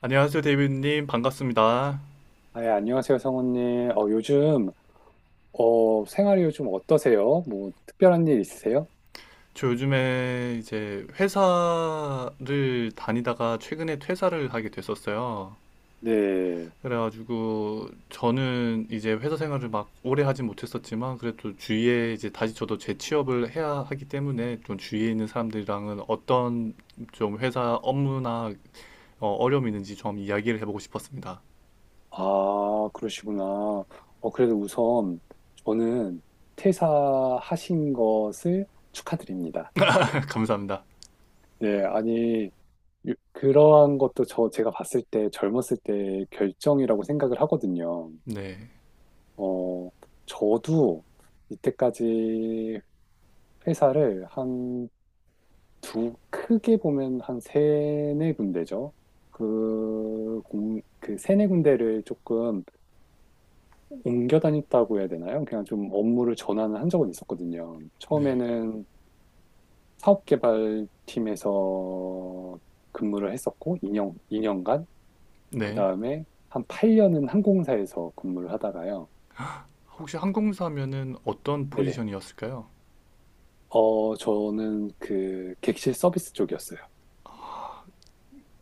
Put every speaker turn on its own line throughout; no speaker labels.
안녕하세요, 데이비드님. 반갑습니다.
아, 예, 안녕하세요, 성우님. 요즘, 생활이 요즘 어떠세요? 뭐, 특별한 일 있으세요?
저 요즘에 이제 회사를 다니다가 최근에 퇴사를 하게 됐었어요.
네.
그래가지고 저는 이제 회사 생활을 막 오래 하진 못했었지만 그래도 주위에 이제 다시 저도 재취업을 해야 하기 때문에 좀 주위에 있는 사람들이랑은 어떤 좀 회사 업무나 어려움이 있는지 좀 이야기를 해보고 싶었습니다.
아, 그러시구나. 그래도 우선, 저는 퇴사하신 것을 축하드립니다.
감사합니다.
네, 아니, 그러한 것도, 제가 봤을 때, 젊었을 때 결정이라고 생각을 하거든요.
네,
어, 저도 이때까지 회사를 크게 보면 한 세네 군데죠. 그 세네 군데를 조금 옮겨 다녔다고 해야 되나요? 그냥 좀 업무를 전환을 한 적은 있었거든요.
네,
처음에는 사업개발팀에서 근무를 했었고, 이 년간, 그
네.
다음에 한 8년은 항공사에서 근무를 하다가요.
혹시 항공사면은 어떤
네네.
포지션이었을까요?
저는 그 객실 서비스 쪽이었어요.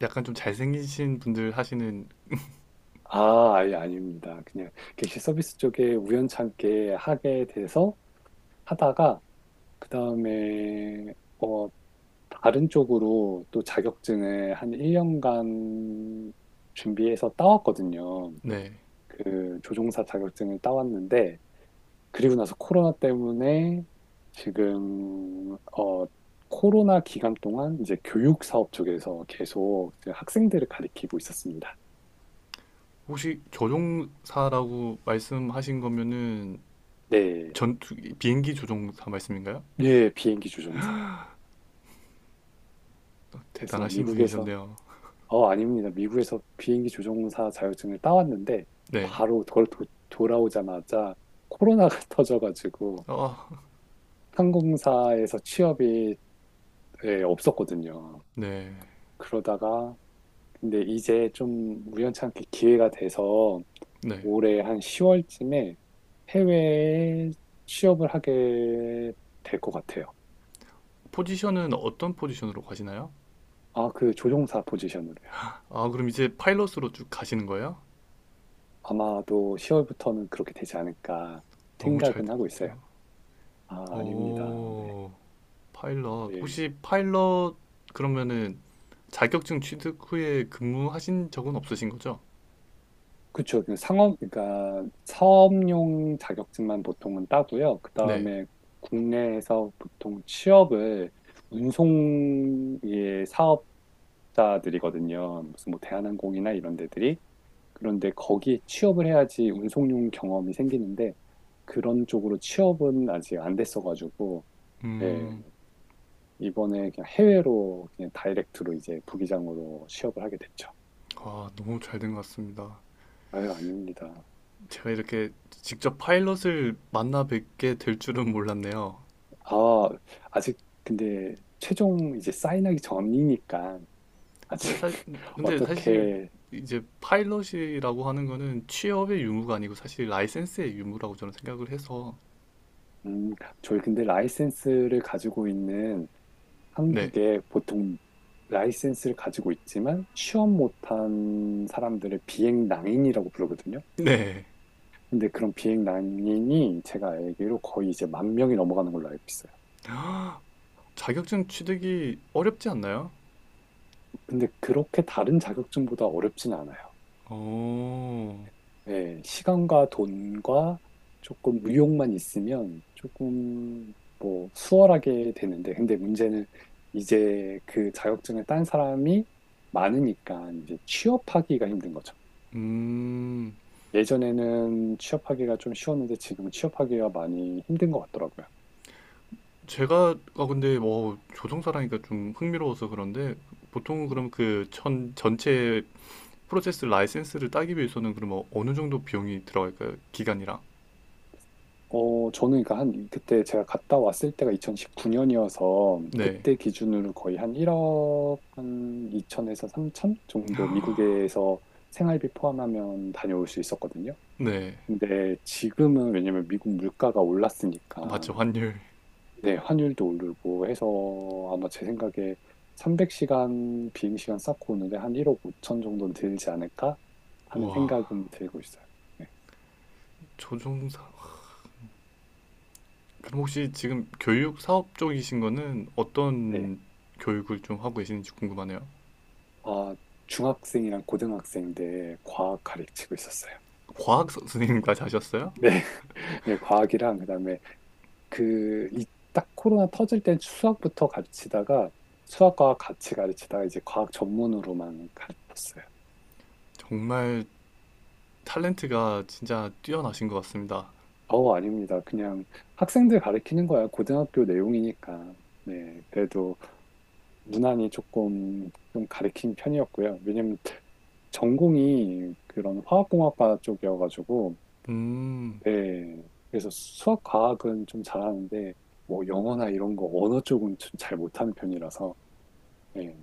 약간 좀 잘생기신 분들 하시는
아, 아예 아닙니다. 그냥 객실 서비스 쪽에 우연찮게 하게 돼서 하다가, 그다음에 어 다른 쪽으로 또 자격증을 한 1년간 준비해서 따왔거든요.
네.
그 조종사 자격증을 따왔는데, 그리고 나서 코로나 때문에 지금, 코로나 기간 동안 이제 교육 사업 쪽에서 계속 이제 학생들을 가리키고 있었습니다.
혹시 조종사라고 말씀하신 거면은
네.
전투 비행기 조종사 말씀인가요?
예, 비행기 조종사요. 그래서
대단하신
미국에서,
분이셨네요.
아닙니다. 미국에서 비행기 조종사 자격증을 따왔는데
네.
바로 그걸 돌아오자마자 코로나가 터져가지고
아,
항공사에서 취업이, 예, 없었거든요.
네.
그러다가 근데 이제 좀 우연찮게 기회가 돼서
네.
올해 한 10월쯤에 해외에 취업을 하게 될 것 같아요.
포지션은 어떤 포지션으로 가시나요?
아, 그 조종사 포지션으로요.
아, 그럼 이제 파일럿으로 쭉 가시는 거예요?
아마도 10월부터는 그렇게 되지 않을까
너무 잘된
생각은 하고
것
있어요.
같아요.
아, 아닙니다. 네.
오, 파일럿.
예.
혹시 파일럿 그러면은 자격증 취득 후에 근무하신 적은 없으신 거죠?
그쵸. 그 상업, 그러니까 사업용 자격증만 보통은 따고요. 그
네.
다음에 국내에서 보통 취업을, 운송의 사업자들이거든요. 무슨 뭐 대한항공이나 이런 데들이. 그런데 거기에 취업을 해야지 운송용 경험이 생기는데, 그런 쪽으로 취업은 아직 안 됐어가지고, 예.
음.
이번에 그냥 해외로 그냥 다이렉트로 이제 부기장으로 취업을 하게 됐죠.
아, 너무 잘 된 것 같습니다.
아유, 아닙니다.
제가 이렇게 직접 파일럿을 만나 뵙게 될 줄은 몰랐네요.
아, 아직 근데 최종 이제 사인하기 전이니까 아직
근데, 사, 근데 사실
어떻게.
이제 파일럿이라고 하는 거는 취업의 유무가 아니고 사실 라이센스의 유무라고 저는 생각을 해서
음, 저희 근데 라이센스를 가지고 있는,
네,
한국에 보통 라이센스를 가지고 있지만 취업 못한 사람들을 비행낭인이라고 부르거든요.
네.
근데 그런 비행낭인이 제가 알기로 거의 이제 1만 명이 넘어가는 걸로 알고 있어요.
자격증 취득이 어렵지 않나요?
근데 그렇게 다른 자격증보다 어렵진 않아요.
어,
네, 시간과 돈과 조금 의욕만 있으면 조금 뭐 수월하게 되는데, 근데 문제는 이제 그 자격증을 딴 사람이 많으니까 이제 취업하기가 힘든 거죠.
음,
예전에는 취업하기가 좀 쉬웠는데 지금은 취업하기가 많이 힘든 것 같더라고요.
제가 아 근데 뭐 조종사라니까 좀 흥미로워서 그런데 보통은 그럼 그 천 전체 프로세스 라이센스를 따기 위해서는 그러면 어느 정도 비용이 들어갈까요? 기간이랑.
저는 그러니까 한, 그때 제가 갔다 왔을 때가 2019년이어서,
네.
그때 기준으로 거의 한 1억 한 2천에서 3천 정도, 미국에서 생활비 포함하면 다녀올 수 있었거든요.
네.
근데 지금은 왜냐면 미국 물가가
아,
올랐으니까,
맞죠. 환율.
네, 환율도 오르고 해서 아마 제 생각에 300시간 비행시간 쌓고 오는데 한 1억 5천 정도는 들지 않을까 하는
우와.
생각은 들고 있어요. 네.
조종사. 그럼 혹시 지금 교육 사업 쪽이신 거는
네.
어떤 교육을 좀 하고 계시는지 궁금하네요.
아, 중학생이랑 고등학생 때 과학 가르치고 있었어요.
선생님까지 하셨어요?
네, 네, 과학이랑 그다음에 그 이 딱 코로나 터질 땐 수학부터 가르치다가, 수학과 같이 가르치다가 이제 과학 전문으로만 가르쳤어요.
정말 탤런트가 진짜 뛰어나신 것 같습니다.
아닙니다. 그냥 학생들 가르치는 거야. 고등학교 내용이니까. 네, 그래도 무난히 조금 좀 가르친 편이었고요. 왜냐면 전공이 그런 화학공학과 쪽이어가지고.
음.
네. 그래서 수학, 과학은 좀 잘하는데, 뭐 영어나 이런 거 언어 쪽은 좀 잘 못하는 편이라서, 네.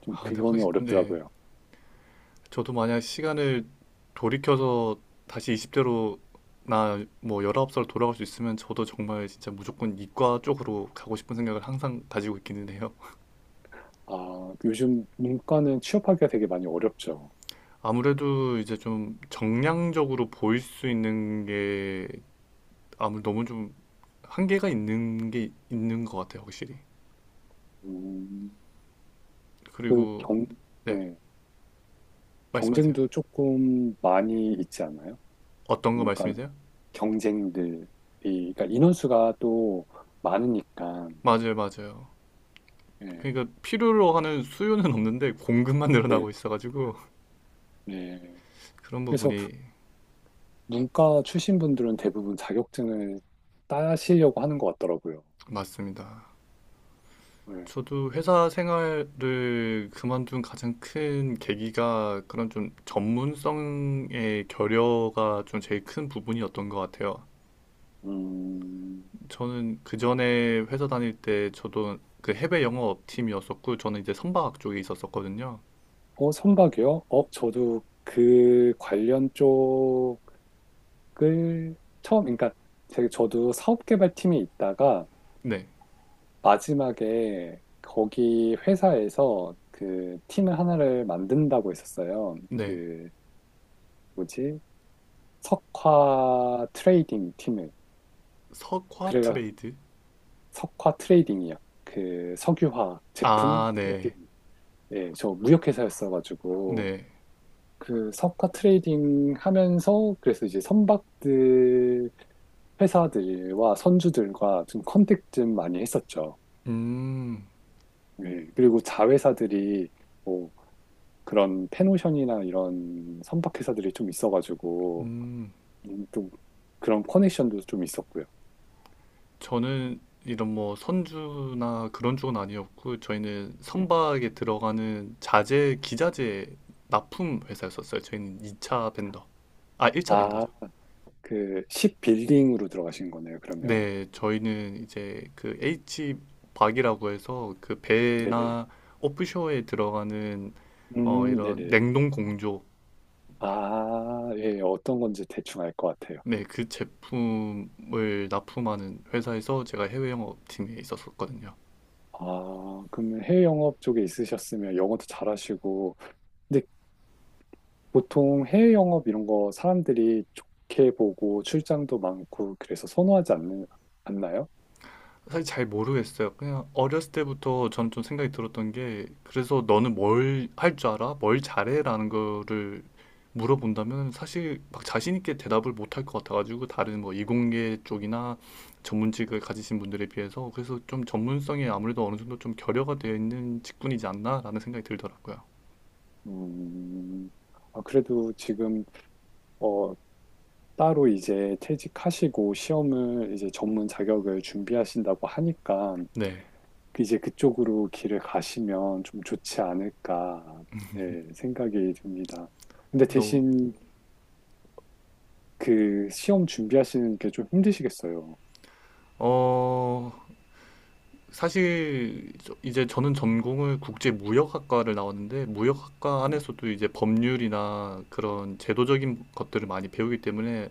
좀
아, 근데
그거는
확실히 네.
어렵더라고요.
저도 만약 시간을 돌이켜서 다시 20대로 나 뭐 19살 돌아갈 수 있으면 저도 정말 진짜 무조건 이과 쪽으로 가고 싶은 생각을 항상 가지고 있기는 해요.
아, 요즘 문과는 취업하기가 되게 많이 어렵죠.
아무래도 이제 좀 정량적으로 보일 수 있는 게 아무 너무 좀 한계가 있는 게 있는 것 같아요, 확실히.
음, 그
그리고
경,
네,
네.
말씀하세요.
경쟁도 조금 많이 있지 않나요?
어떤 거
문과는
말씀이세요?
경쟁들이, 그러니까 인원수가 또 많으니까,
맞아요, 맞아요. 그러니까 필요로 하는 수요는 없는데 공급만
예, 네.
늘어나고 있어가지고
네.
그런
그래서
부분이
문과 출신 분들은 대부분 자격증을 따시려고 하는 것 같더라고요.
맞습니다.
네.
저도 회사 생활을 그만둔 가장 큰 계기가 그런 좀 전문성의 결여가 좀 제일 큰 부분이었던 것 같아요.
음.
저는 그 전에 회사 다닐 때 저도 그 해외 영업 팀이었었고 저는 이제 선박 쪽에 있었었거든요.
선박이요? 저도 그 관련 쪽을 처음, 그러니까 저도 사업개발팀에 있다가
네,
마지막에 거기 회사에서 그 팀을 하나를 만든다고 했었어요.
네.
그 뭐지? 석화 트레이딩 팀을.
석화
그래가
트레이드?
석화 트레이딩이요. 그 석유화 제품.
아, 네,
예, 저 무역회사였어가지고,
네.
그 석가 트레이딩 하면서, 그래서 이제 선박들, 회사들과 선주들과 좀 컨택 좀 많이 했었죠.
음,
예, 그리고 자회사들이 뭐 그런 패노션이나 이런 선박회사들이 좀 있어가지고,
음.
또 그런 커넥션도 좀 있었고요.
저는 이런 뭐 선주나 그런 쪽은 아니었고 저희는
예.
선박에 들어가는 자재, 기자재 납품 회사였었어요. 저희는 2차 벤더. 아, 1차
아,
벤더죠.
그, 십 빌딩으로 들어가신 거네요, 그러면.
네, 저희는 이제 그 H 박이라고 해서 그
네네.
배나 오프쇼에 들어가는 어
음.
이런
네네.
냉동 공조
아, 예, 어떤 건지 대충 알 것 같아요.
네, 그 제품을 납품하는 회사에서 제가 해외 영업팀에 있었었거든요.
아, 그러면 해외 영업 쪽에 있으셨으면 영어도 잘하시고, 근데 보통 해외 영업 이런 거 사람들이 좋게 보고 출장도 많고 그래서 선호하지 않는, 않나요?
사실 잘 모르겠어요. 그냥 어렸을 때부터 저는 좀 생각이 들었던 게 그래서 너는 뭘 할 줄 알아? 뭘 잘해라는 거를 물어본다면 사실 막 자신 있게 대답을 못 할 것 같아가지고 다른 뭐 이공계 쪽이나 전문직을 가지신 분들에 비해서 그래서 좀 전문성이 아무래도 어느 정도 좀 결여가 되어 있는 직군이지 않나라는 생각이 들더라고요.
음, 아, 그래도 지금, 어, 따로 이제 퇴직하시고 시험을 이제 전문 자격을 준비하신다고 하니까
네,
그 이제 그쪽으로 길을 가시면 좀 좋지 않을까, 예, 생각이 듭니다. 근데
너무
대신 그 시험 준비하시는 게 좀 힘드시겠어요.
어 사실 이제 저는 전공을 국제무역학과를 나왔는데 무역학과
네,
안에서도 이제 법률이나 그런 제도적인 것들을 많이 배우기 때문에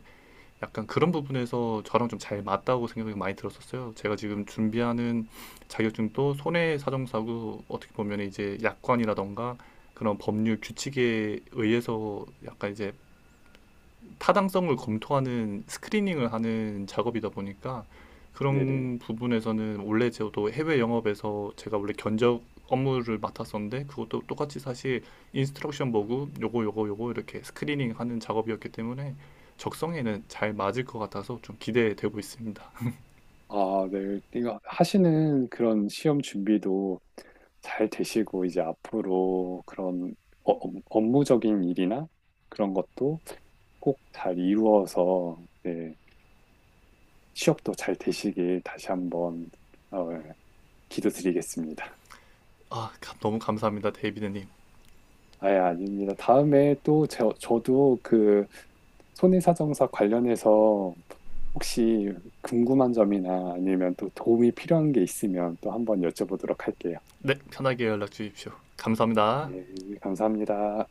약간 그런 부분에서 저랑 좀 잘 맞다고 생각이 많이 들었었어요. 제가 지금 준비하는 자격증도 손해사정사고 어떻게 보면 이제 약관이라던가 그런 법률 규칙에 의해서 약간 이제 타당성을 검토하는 스크리닝을 하는 작업이다 보니까
네네.
그런 부분에서는 원래 저도 해외 영업에서 제가 원래 견적 업무를 맡았었는데 그것도 똑같이 사실 인스트럭션 보고 요거 요거 요거 이렇게 스크리닝 하는 작업이었기 때문에 적성에는 잘 맞을 것 같아서 좀 기대되고 있습니다.
아, 네. 이거 하시는 그런 시험 준비도 잘 되시고 이제 앞으로 그런 업무적인 일이나 그런 것도 꼭 잘 이루어서, 네, 취업도 잘 되시길 다시 한번, 어, 예, 기도드리겠습니다.
아, 너무 감사합니다. 데이비드님.
아예 아닙니다. 다음에 또 저도 그 손해사정사 관련해서 혹시 궁금한 점이나 아니면 또 도움이 필요한 게 있으면 또 한번 여쭤보도록 할게요.
네, 편하게 연락 주십시오. 감사합니다.
네, 감사합니다.